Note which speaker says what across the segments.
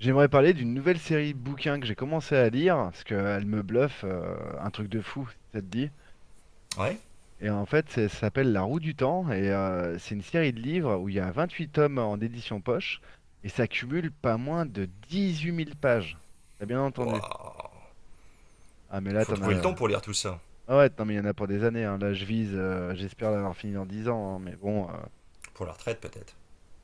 Speaker 1: J'aimerais parler d'une nouvelle série de bouquins que j'ai commencé à lire, parce qu'elle me bluffe, un truc de fou, si ça te dit.
Speaker 2: Ouais.
Speaker 1: Et en fait, ça s'appelle La Roue du Temps, et c'est une série de livres où il y a 28 tomes en édition poche, et ça cumule pas moins de 18 000 pages. T'as bien entendu.
Speaker 2: Waouh.
Speaker 1: Ah mais là,
Speaker 2: Faut
Speaker 1: t'en
Speaker 2: trouver le temps
Speaker 1: as.
Speaker 2: pour lire tout ça.
Speaker 1: Ah ouais, non mais il y en a pour des années, hein. Là, je vise, j'espère l'avoir fini dans 10 ans, hein, mais bon.
Speaker 2: Pour la retraite, peut-être.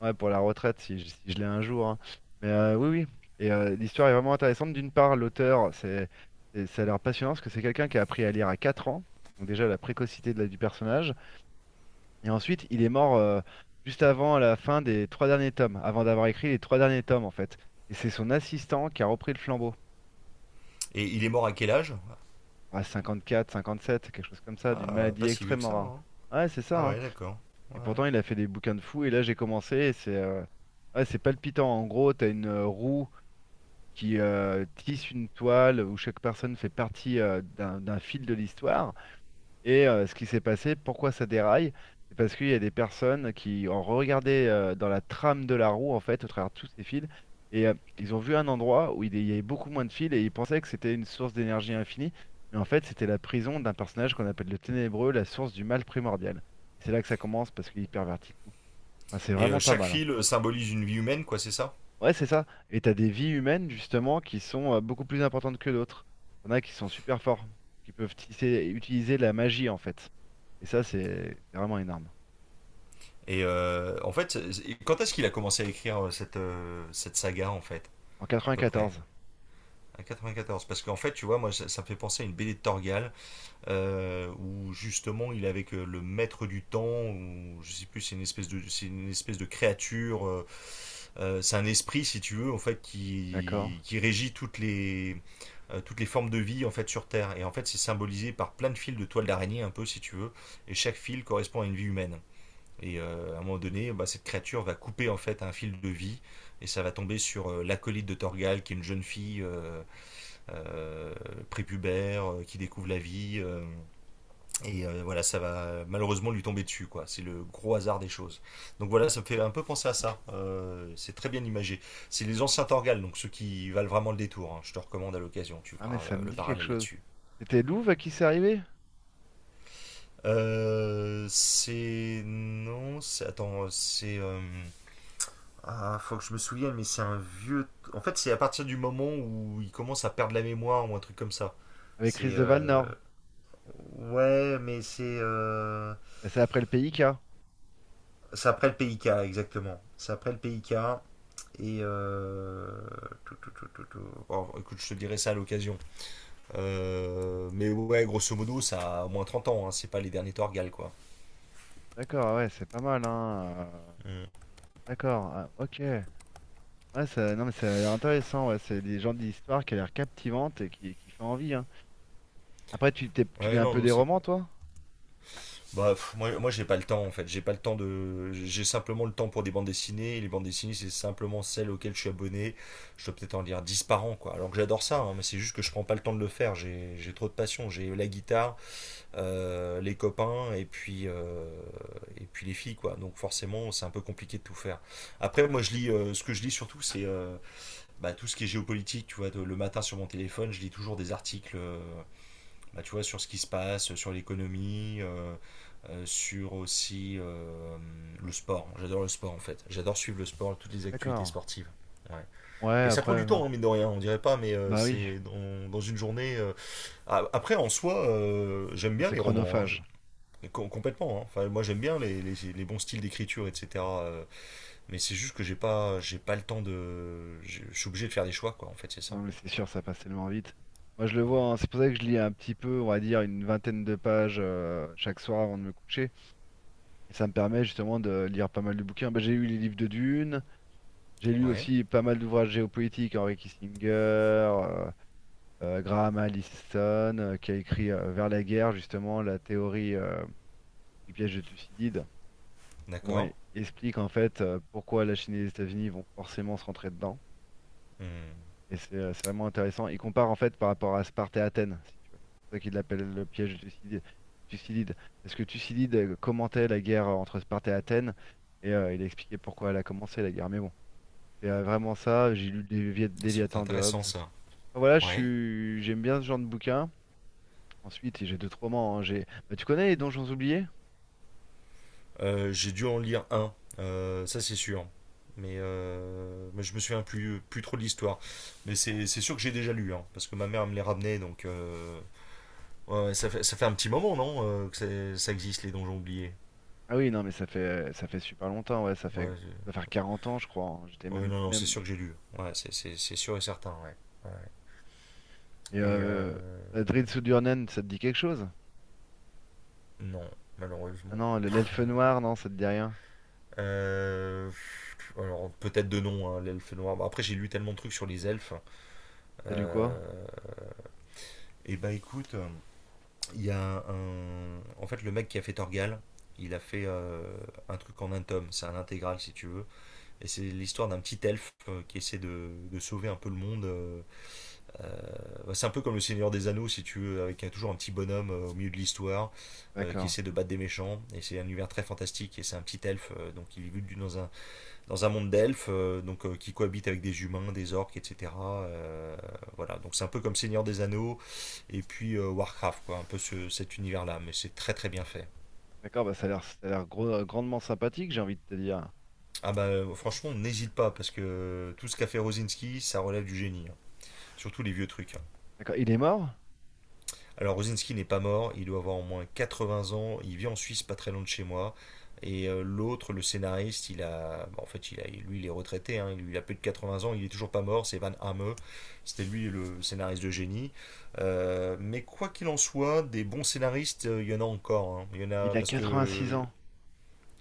Speaker 1: Ouais, pour la retraite, si je l'ai un jour, hein. Mais oui, oui. Et l'histoire est vraiment intéressante. D'une part, l'auteur, ça a l'air passionnant parce que c'est quelqu'un qui a appris à lire à 4 ans. Donc déjà, la précocité de du personnage. Et ensuite, il est mort juste avant la fin des trois derniers tomes, avant d'avoir écrit les trois derniers tomes, en fait. Et c'est son assistant qui a repris le flambeau.
Speaker 2: Et il est mort à quel âge?
Speaker 1: À 54 57 quelque chose comme ça, d'une
Speaker 2: Ah,
Speaker 1: maladie
Speaker 2: pas si vieux que
Speaker 1: extrêmement
Speaker 2: ça,
Speaker 1: rare.
Speaker 2: hein.
Speaker 1: Ouais, c'est ça,
Speaker 2: Ah,
Speaker 1: hein.
Speaker 2: ouais, d'accord. Ouais,
Speaker 1: Et
Speaker 2: ouais.
Speaker 1: pourtant, il a fait des bouquins de fou. Et là, j'ai commencé. Et c'est ouais, c'est palpitant. En gros, t'as une roue qui tisse une toile où chaque personne fait partie d'un fil de l'histoire. Et ce qui s'est passé, pourquoi ça déraille, c'est parce qu'il y a des personnes qui ont regardé dans la trame de la roue, en fait, au travers de tous ces fils. Et ils ont vu un endroit où il y avait beaucoup moins de fils et ils pensaient que c'était une source d'énergie infinie. Mais en fait, c'était la prison d'un personnage qu'on appelle le Ténébreux, la source du mal primordial. Et c'est là que ça commence parce qu'il pervertit tout. Enfin, c'est
Speaker 2: Et
Speaker 1: vraiment pas
Speaker 2: chaque
Speaker 1: mal, hein.
Speaker 2: fil symbolise une vie humaine, quoi, c'est ça?
Speaker 1: Ouais, c'est ça. Et t'as des vies humaines, justement, qui sont beaucoup plus importantes que d'autres. T'en as qui sont super forts, qui peuvent utiliser la magie, en fait. Et ça, c'est vraiment énorme.
Speaker 2: Et en fait, quand est-ce qu'il a commencé à écrire cette saga, en fait?
Speaker 1: En
Speaker 2: À peu près
Speaker 1: 94,
Speaker 2: à quatre-vingt-quatorze, parce qu'en fait, tu vois, moi, ça me fait penser à une BD de Torgal, où justement, il est avec le maître du temps, ou je sais plus, c'est une espèce de, c'est une espèce de créature. Euh, c'est un esprit, si tu veux, en fait,
Speaker 1: d'accord.
Speaker 2: qui régit toutes toutes les formes de vie en fait sur Terre. Et en fait, c'est symbolisé par plein de fils de toile d'araignée, un peu, si tu veux. Et chaque fil correspond à une vie humaine. Et à un moment donné, bah, cette créature va couper en fait un fil de vie et ça va tomber sur l'acolyte de Torgal, qui est une jeune fille euh, prépubère qui découvre la vie, voilà, ça va malheureusement lui tomber dessus, quoi. C'est le gros hasard des choses. Donc voilà, ça me fait un peu penser à ça. C'est très bien imagé. C'est les anciens Torgal, donc ceux qui valent vraiment le détour, hein. Je te recommande à l'occasion, tu
Speaker 1: Ah, mais
Speaker 2: feras
Speaker 1: ça me
Speaker 2: le
Speaker 1: dit quelque
Speaker 2: parallèle
Speaker 1: chose.
Speaker 2: là-dessus.
Speaker 1: C'était Louvre à qui c'est arrivé?
Speaker 2: C'est. Non, c'est. attends, c'est. Ah, faut que je me souvienne. En fait, c'est à partir du moment où il commence à perdre la mémoire ou un truc comme ça.
Speaker 1: Avec Chris
Speaker 2: C'est.
Speaker 1: de Valnor.
Speaker 2: Ouais, mais
Speaker 1: Bah, c'est après le PIK.
Speaker 2: c'est après le PIK, exactement. C'est après le PIK. Et euh, Bon, écoute, je te dirai ça à l'occasion. Mais ouais, grosso modo, ça a au moins 30 ans, hein, c'est pas les derniers Torgal, quoi.
Speaker 1: D'accord, ah ouais, c'est pas mal, hein.
Speaker 2: Mm.
Speaker 1: D'accord, ah, ok. Ouais, ça, non, mais ça a l'air intéressant, ouais. C'est des gens d'histoire qui a l'air captivante et qui fait envie, hein. Après, tu lis
Speaker 2: Ouais,
Speaker 1: un peu
Speaker 2: non,
Speaker 1: des
Speaker 2: c'est.
Speaker 1: romans, toi?
Speaker 2: Bah, pff, moi, moi j'ai pas le temps, en fait. J'ai pas le temps de. J'ai simplement le temps pour des bandes dessinées. Et les bandes dessinées, c'est simplement celles auxquelles je suis abonné. Je dois peut-être en lire 10 par an, quoi. Alors que j'adore ça, hein, mais c'est juste que je prends pas le temps de le faire. J'ai trop de passion. J'ai la guitare, les copains et puis les filles, quoi. Donc forcément c'est un peu compliqué de tout faire. Après moi je lis ce que je lis surtout c'est bah, tout ce qui est géopolitique, tu vois, le matin sur mon téléphone, je lis toujours des articles bah, tu vois, sur ce qui se passe, sur l'économie, sur aussi le sport. J'adore le sport en fait. J'adore suivre le sport, toutes les actualités
Speaker 1: D'accord.
Speaker 2: sportives. Ouais.
Speaker 1: Ouais,
Speaker 2: Et ça prend
Speaker 1: après,
Speaker 2: du
Speaker 1: ouais.
Speaker 2: temps, hein, mine de rien, on dirait pas, mais
Speaker 1: Bah oui,
Speaker 2: c'est dans une journée. Après, en soi, j'aime
Speaker 1: bah,
Speaker 2: bien
Speaker 1: c'est
Speaker 2: les romans, hein.
Speaker 1: chronophage.
Speaker 2: Et complètement, hein. Enfin, moi j'aime bien les bons styles d'écriture, etc., mais c'est juste que j'ai pas le temps de. Je suis obligé de faire des choix, quoi. En fait, c'est
Speaker 1: Non,
Speaker 2: ça.
Speaker 1: mais c'est sûr, ça passe tellement vite. Moi, je le
Speaker 2: Ouais.
Speaker 1: vois, hein, c'est pour ça que je lis un petit peu, on va dire, une vingtaine de pages chaque soir avant de me coucher. Et ça me permet justement de lire pas mal de bouquins. Bah, j'ai lu les livres de Dune, j'ai lu
Speaker 2: Ouais.
Speaker 1: aussi pas mal d'ouvrages géopolitiques, Henry Kissinger, Graham Allison, qui a écrit Vers la guerre, justement, la théorie du piège de Thucydide. Justement,
Speaker 2: D'accord.
Speaker 1: il explique en fait pourquoi la Chine et les États-Unis vont forcément se rentrer dedans.
Speaker 2: Hmm.
Speaker 1: Et c'est vraiment intéressant. Il compare en fait par rapport à Sparte et Athènes, si tu veux. C'est ça qu'il l'appelle le piège de Thucydide. Thucydide. Parce que Thucydide commentait la guerre entre Sparte et Athènes et il a expliqué pourquoi elle a commencé la guerre. Mais bon, c'est vraiment ça. J'ai lu le
Speaker 2: C'est
Speaker 1: Léviathan de Hobbes.
Speaker 2: intéressant ça.
Speaker 1: Enfin, voilà,
Speaker 2: Ouais.
Speaker 1: j'aime bien ce genre de bouquin. Ensuite, j'ai d'autres romans, hein. Bah, tu connais les Donjons oubliés?
Speaker 2: J'ai dû en lire un, ça c'est sûr. Mais je me souviens plus, plus trop de l'histoire. Mais c'est sûr que j'ai déjà lu, hein, parce que ma mère me les ramenait, donc ouais, ouais, ça fait un petit moment, non, que ça existe, les donjons oubliés.
Speaker 1: Ah oui, non, mais ça fait super longtemps. Ouais, ça
Speaker 2: Ouais.
Speaker 1: va faire 40 ans, je crois, hein. J'étais
Speaker 2: Oui,
Speaker 1: même,
Speaker 2: non, non, c'est
Speaker 1: même.
Speaker 2: sûr que j'ai lu. Ouais, c'est sûr et certain, ouais. Ouais.
Speaker 1: Et
Speaker 2: Et euh,
Speaker 1: Drid Sudurnen, ça te dit quelque chose?
Speaker 2: non,
Speaker 1: Ah
Speaker 2: malheureusement.
Speaker 1: non, l'elfe noir, non, ça te dit rien.
Speaker 2: Euh, alors, peut-être de nom, hein, l'elfe noir. Bon, après, j'ai lu tellement de trucs sur les elfes.
Speaker 1: T'as lu quoi?
Speaker 2: Euh, et bah, écoute, il y a un. En fait, le mec qui a fait Torgal, il a fait un truc en un tome. C'est un intégral, si tu veux. Et c'est l'histoire d'un petit elfe qui essaie de sauver un peu le monde. Euh, Bah, c'est un peu comme le Seigneur des Anneaux, si tu veux, avec toujours un petit bonhomme au milieu de l'histoire, qui
Speaker 1: D'accord.
Speaker 2: essaie de battre des méchants. Et c'est un univers très fantastique. Et c'est un petit elfe, donc il vit dans un monde d'elfes, qui cohabite avec des humains, des orques, etc. Voilà, donc c'est un peu comme Seigneur des Anneaux et puis Warcraft, quoi, un peu cet univers-là. Mais c'est très très bien fait.
Speaker 1: D'accord, bah ça a l'air grandement sympathique, j'ai envie de te dire.
Speaker 2: Ah bah, franchement, n'hésite pas, parce que tout ce qu'a fait Rosinski, ça relève du génie, hein. Surtout les vieux trucs, hein.
Speaker 1: D'accord, il est mort?
Speaker 2: Alors Rosinski n'est pas mort, il doit avoir au moins 80 ans, il vit en Suisse pas très loin de chez moi. Et l'autre, le scénariste, il a, bah, en fait, il a, lui, il est retraité, hein, il a plus de 80 ans, il est toujours pas mort, c'est Van Hamme, c'était lui le scénariste de génie. Mais quoi qu'il en soit, des bons scénaristes, il y en a encore, hein. Il y en a,
Speaker 1: Il a
Speaker 2: parce
Speaker 1: 86
Speaker 2: que,
Speaker 1: ans.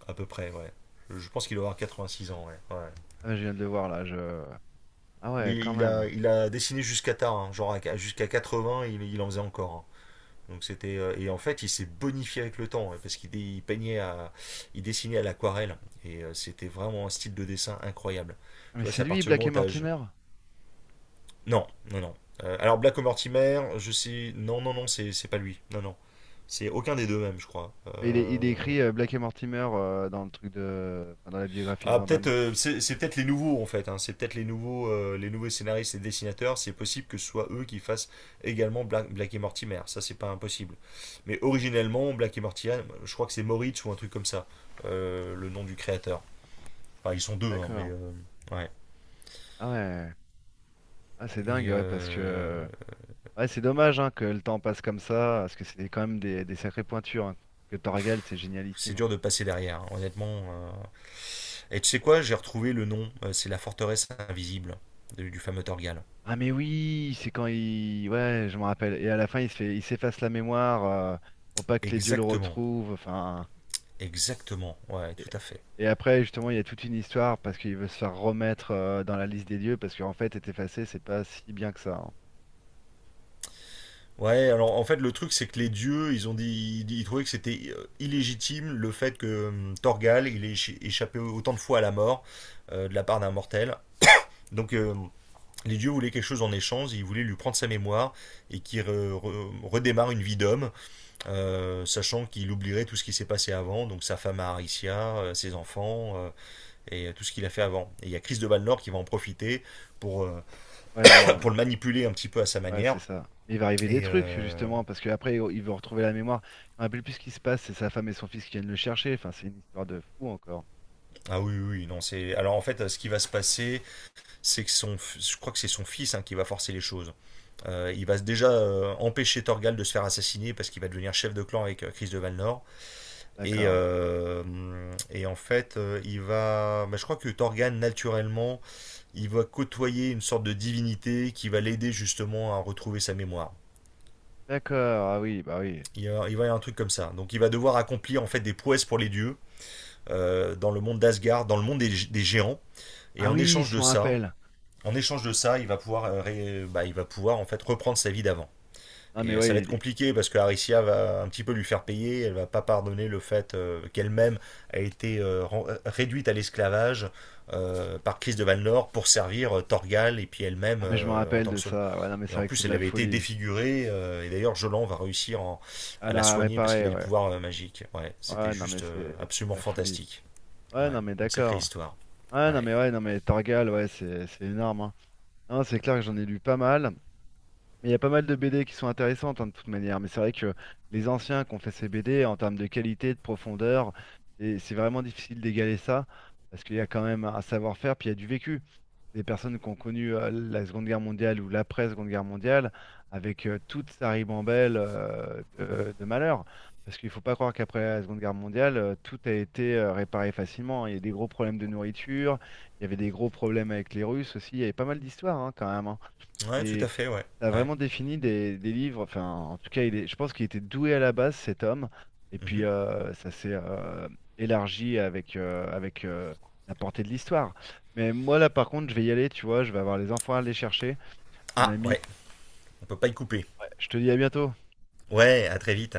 Speaker 2: à peu près, ouais. Je pense qu'il doit avoir 86 ans, ouais, ouais.
Speaker 1: Ah, je viens de le voir là. Ah
Speaker 2: Mais
Speaker 1: ouais, quand même.
Speaker 2: il a dessiné jusqu'à tard, hein, genre jusqu'à 80, il en faisait encore, hein. Donc c'était et en fait il s'est bonifié avec le temps, hein, parce qu'il peignait à il dessinait à l'aquarelle et c'était vraiment un style de dessin incroyable.
Speaker 1: Ah,
Speaker 2: Tu
Speaker 1: mais
Speaker 2: vois, c'est
Speaker 1: c'est
Speaker 2: à
Speaker 1: lui,
Speaker 2: partir du
Speaker 1: Black
Speaker 2: moment
Speaker 1: et
Speaker 2: où
Speaker 1: Mortimer?
Speaker 2: non, non, non. Alors Black Mortimer, je sais. Non, non, non, c'est pas lui. Non, non. C'est aucun des deux même, je crois.
Speaker 1: Il est écrit Black et Mortimer dans le truc enfin, dans la biographie de
Speaker 2: Ah,
Speaker 1: Van
Speaker 2: peut-être,
Speaker 1: Damme.
Speaker 2: c'est peut-être les nouveaux en fait, hein. C'est peut-être les nouveaux scénaristes et dessinateurs. C'est possible que ce soit eux qui fassent également Black et Mortimer. Ça, c'est pas impossible. Mais originellement, Black et Mortimer, je crois que c'est Moritz ou un truc comme ça, le nom du créateur. Enfin, ils sont deux, hein, mais
Speaker 1: D'accord.
Speaker 2: ouais.
Speaker 1: Ah ouais. Ah c'est
Speaker 2: Et
Speaker 1: dingue, ouais,
Speaker 2: euh,
Speaker 1: Ouais, c'est dommage hein, que le temps passe comme ça, parce que c'est quand même des sacrées pointures, hein. Parce que Torgal, c'est
Speaker 2: c'est
Speaker 1: génialissime, hein.
Speaker 2: dur de passer derrière, hein, honnêtement. Et tu sais quoi, j'ai retrouvé le nom. C'est la forteresse invisible du fameux Torgal.
Speaker 1: Ah mais oui, c'est quand il. Ouais, je me rappelle. Et à la fin, il s'efface la mémoire pour pas que les dieux le
Speaker 2: Exactement,
Speaker 1: retrouvent. Enfin.
Speaker 2: exactement. Ouais,
Speaker 1: Et...
Speaker 2: tout à fait.
Speaker 1: et après, justement, il y a toute une histoire parce qu'il veut se faire remettre dans la liste des dieux parce qu'en fait, être effacé, c'est pas si bien que ça, hein.
Speaker 2: Ouais, alors en fait le truc c'est que les dieux, ils ont dit, ils trouvaient que c'était illégitime, le fait que Torgal il ait échappé autant de fois à la mort de la part d'un mortel. Donc les dieux voulaient quelque chose en échange, ils voulaient lui prendre sa mémoire et qu'il redémarre une vie d'homme, sachant qu'il oublierait tout ce qui s'est passé avant, donc sa femme à Aricia, ses enfants, et tout ce qu'il a fait avant. Et il y a Chris de Valnor qui va en profiter pour, euh,
Speaker 1: Ouais, leur
Speaker 2: pour le manipuler un petit peu à sa
Speaker 1: ouais, c'est
Speaker 2: manière.
Speaker 1: ça. Mais il va arriver des
Speaker 2: Et,
Speaker 1: trucs,
Speaker 2: euh,
Speaker 1: justement, parce qu'après, il veut retrouver la mémoire. Je me rappelle plus ce qui se passe, c'est sa femme et son fils qui viennent le chercher. Enfin, c'est une histoire de fou encore.
Speaker 2: Ah oui, oui, oui, non, c'est. Alors en fait, ce qui va se passer, c'est que son. Je crois que c'est son fils, hein, qui va forcer les choses. Il va déjà empêcher Torgal de se faire assassiner parce qu'il va devenir chef de clan avec Chris de Valnor. Et,
Speaker 1: D'accord.
Speaker 2: euh, et en fait, il va. Bah, je crois que Torgal, naturellement, il va côtoyer une sorte de divinité qui va l'aider justement à retrouver sa mémoire.
Speaker 1: D'accord, ah oui, bah oui.
Speaker 2: Il va y avoir un truc comme ça. Donc il va devoir accomplir en fait des prouesses pour les dieux, dans le monde d'Asgard, dans le monde des géants. Et
Speaker 1: Ah oui, si je me rappelle.
Speaker 2: en échange de ça, il va pouvoir, bah, il va pouvoir en fait reprendre sa vie d'avant.
Speaker 1: Non mais
Speaker 2: Et ça
Speaker 1: ouais,
Speaker 2: va être
Speaker 1: il.
Speaker 2: compliqué parce que Aricia va un petit peu lui faire payer. Elle va pas pardonner le fait qu'elle-même a été réduite à l'esclavage par Chris de Valnor pour servir Torgal et puis elle-même
Speaker 1: Ah mais je m'en
Speaker 2: en
Speaker 1: rappelle
Speaker 2: tant
Speaker 1: de
Speaker 2: que Saul.
Speaker 1: ça. Ouais, non mais
Speaker 2: Et
Speaker 1: c'est
Speaker 2: en
Speaker 1: vrai que c'est
Speaker 2: plus,
Speaker 1: de
Speaker 2: elle
Speaker 1: la
Speaker 2: avait été
Speaker 1: folie.
Speaker 2: défigurée, et d'ailleurs, Jolan va réussir
Speaker 1: Ah
Speaker 2: à la
Speaker 1: la
Speaker 2: soigner parce qu'il
Speaker 1: réparer,
Speaker 2: a des
Speaker 1: ouais.
Speaker 2: pouvoirs magiques. Ouais, c'était
Speaker 1: Ouais, non mais
Speaker 2: juste
Speaker 1: c'est de
Speaker 2: absolument
Speaker 1: la folie.
Speaker 2: fantastique.
Speaker 1: Ouais,
Speaker 2: Ouais,
Speaker 1: non mais
Speaker 2: une sacrée
Speaker 1: d'accord.
Speaker 2: histoire. Ouais,
Speaker 1: Ouais, non mais Torgal, ouais, c'est énorme, hein. Non, c'est clair que j'en ai lu pas mal. Mais il y a pas mal de BD qui sont intéressantes hein, de toute manière. Mais c'est vrai que les anciens qui ont fait ces BD en termes de qualité, de profondeur, c'est vraiment difficile d'égaler ça. Parce qu'il y a quand même un savoir-faire, puis il y a du vécu. Des personnes qui ont connu la Seconde Guerre mondiale ou l'après-Seconde Guerre mondiale avec toute sa ribambelle de malheurs. Parce qu'il ne faut pas croire qu'après la Seconde Guerre mondiale, tout a été réparé facilement. Il y a eu des gros problèmes de nourriture, il y avait des gros problèmes avec les Russes aussi, il y avait pas mal d'histoires hein, quand même, hein.
Speaker 2: ouais, tout
Speaker 1: Et
Speaker 2: à fait. Ouais,
Speaker 1: a
Speaker 2: ouais.
Speaker 1: vraiment défini des livres, enfin en tout cas il est, je pense qu'il était doué à la base cet homme, et puis
Speaker 2: Mhm.
Speaker 1: ça s'est élargi avec la portée de l'histoire. Mais moi là par contre je vais y aller, tu vois, je vais avoir les enfants à aller chercher, mon
Speaker 2: Ah,
Speaker 1: ami.
Speaker 2: ouais. On peut pas y couper.
Speaker 1: Ouais, je te dis à bientôt.
Speaker 2: Ouais, à très vite.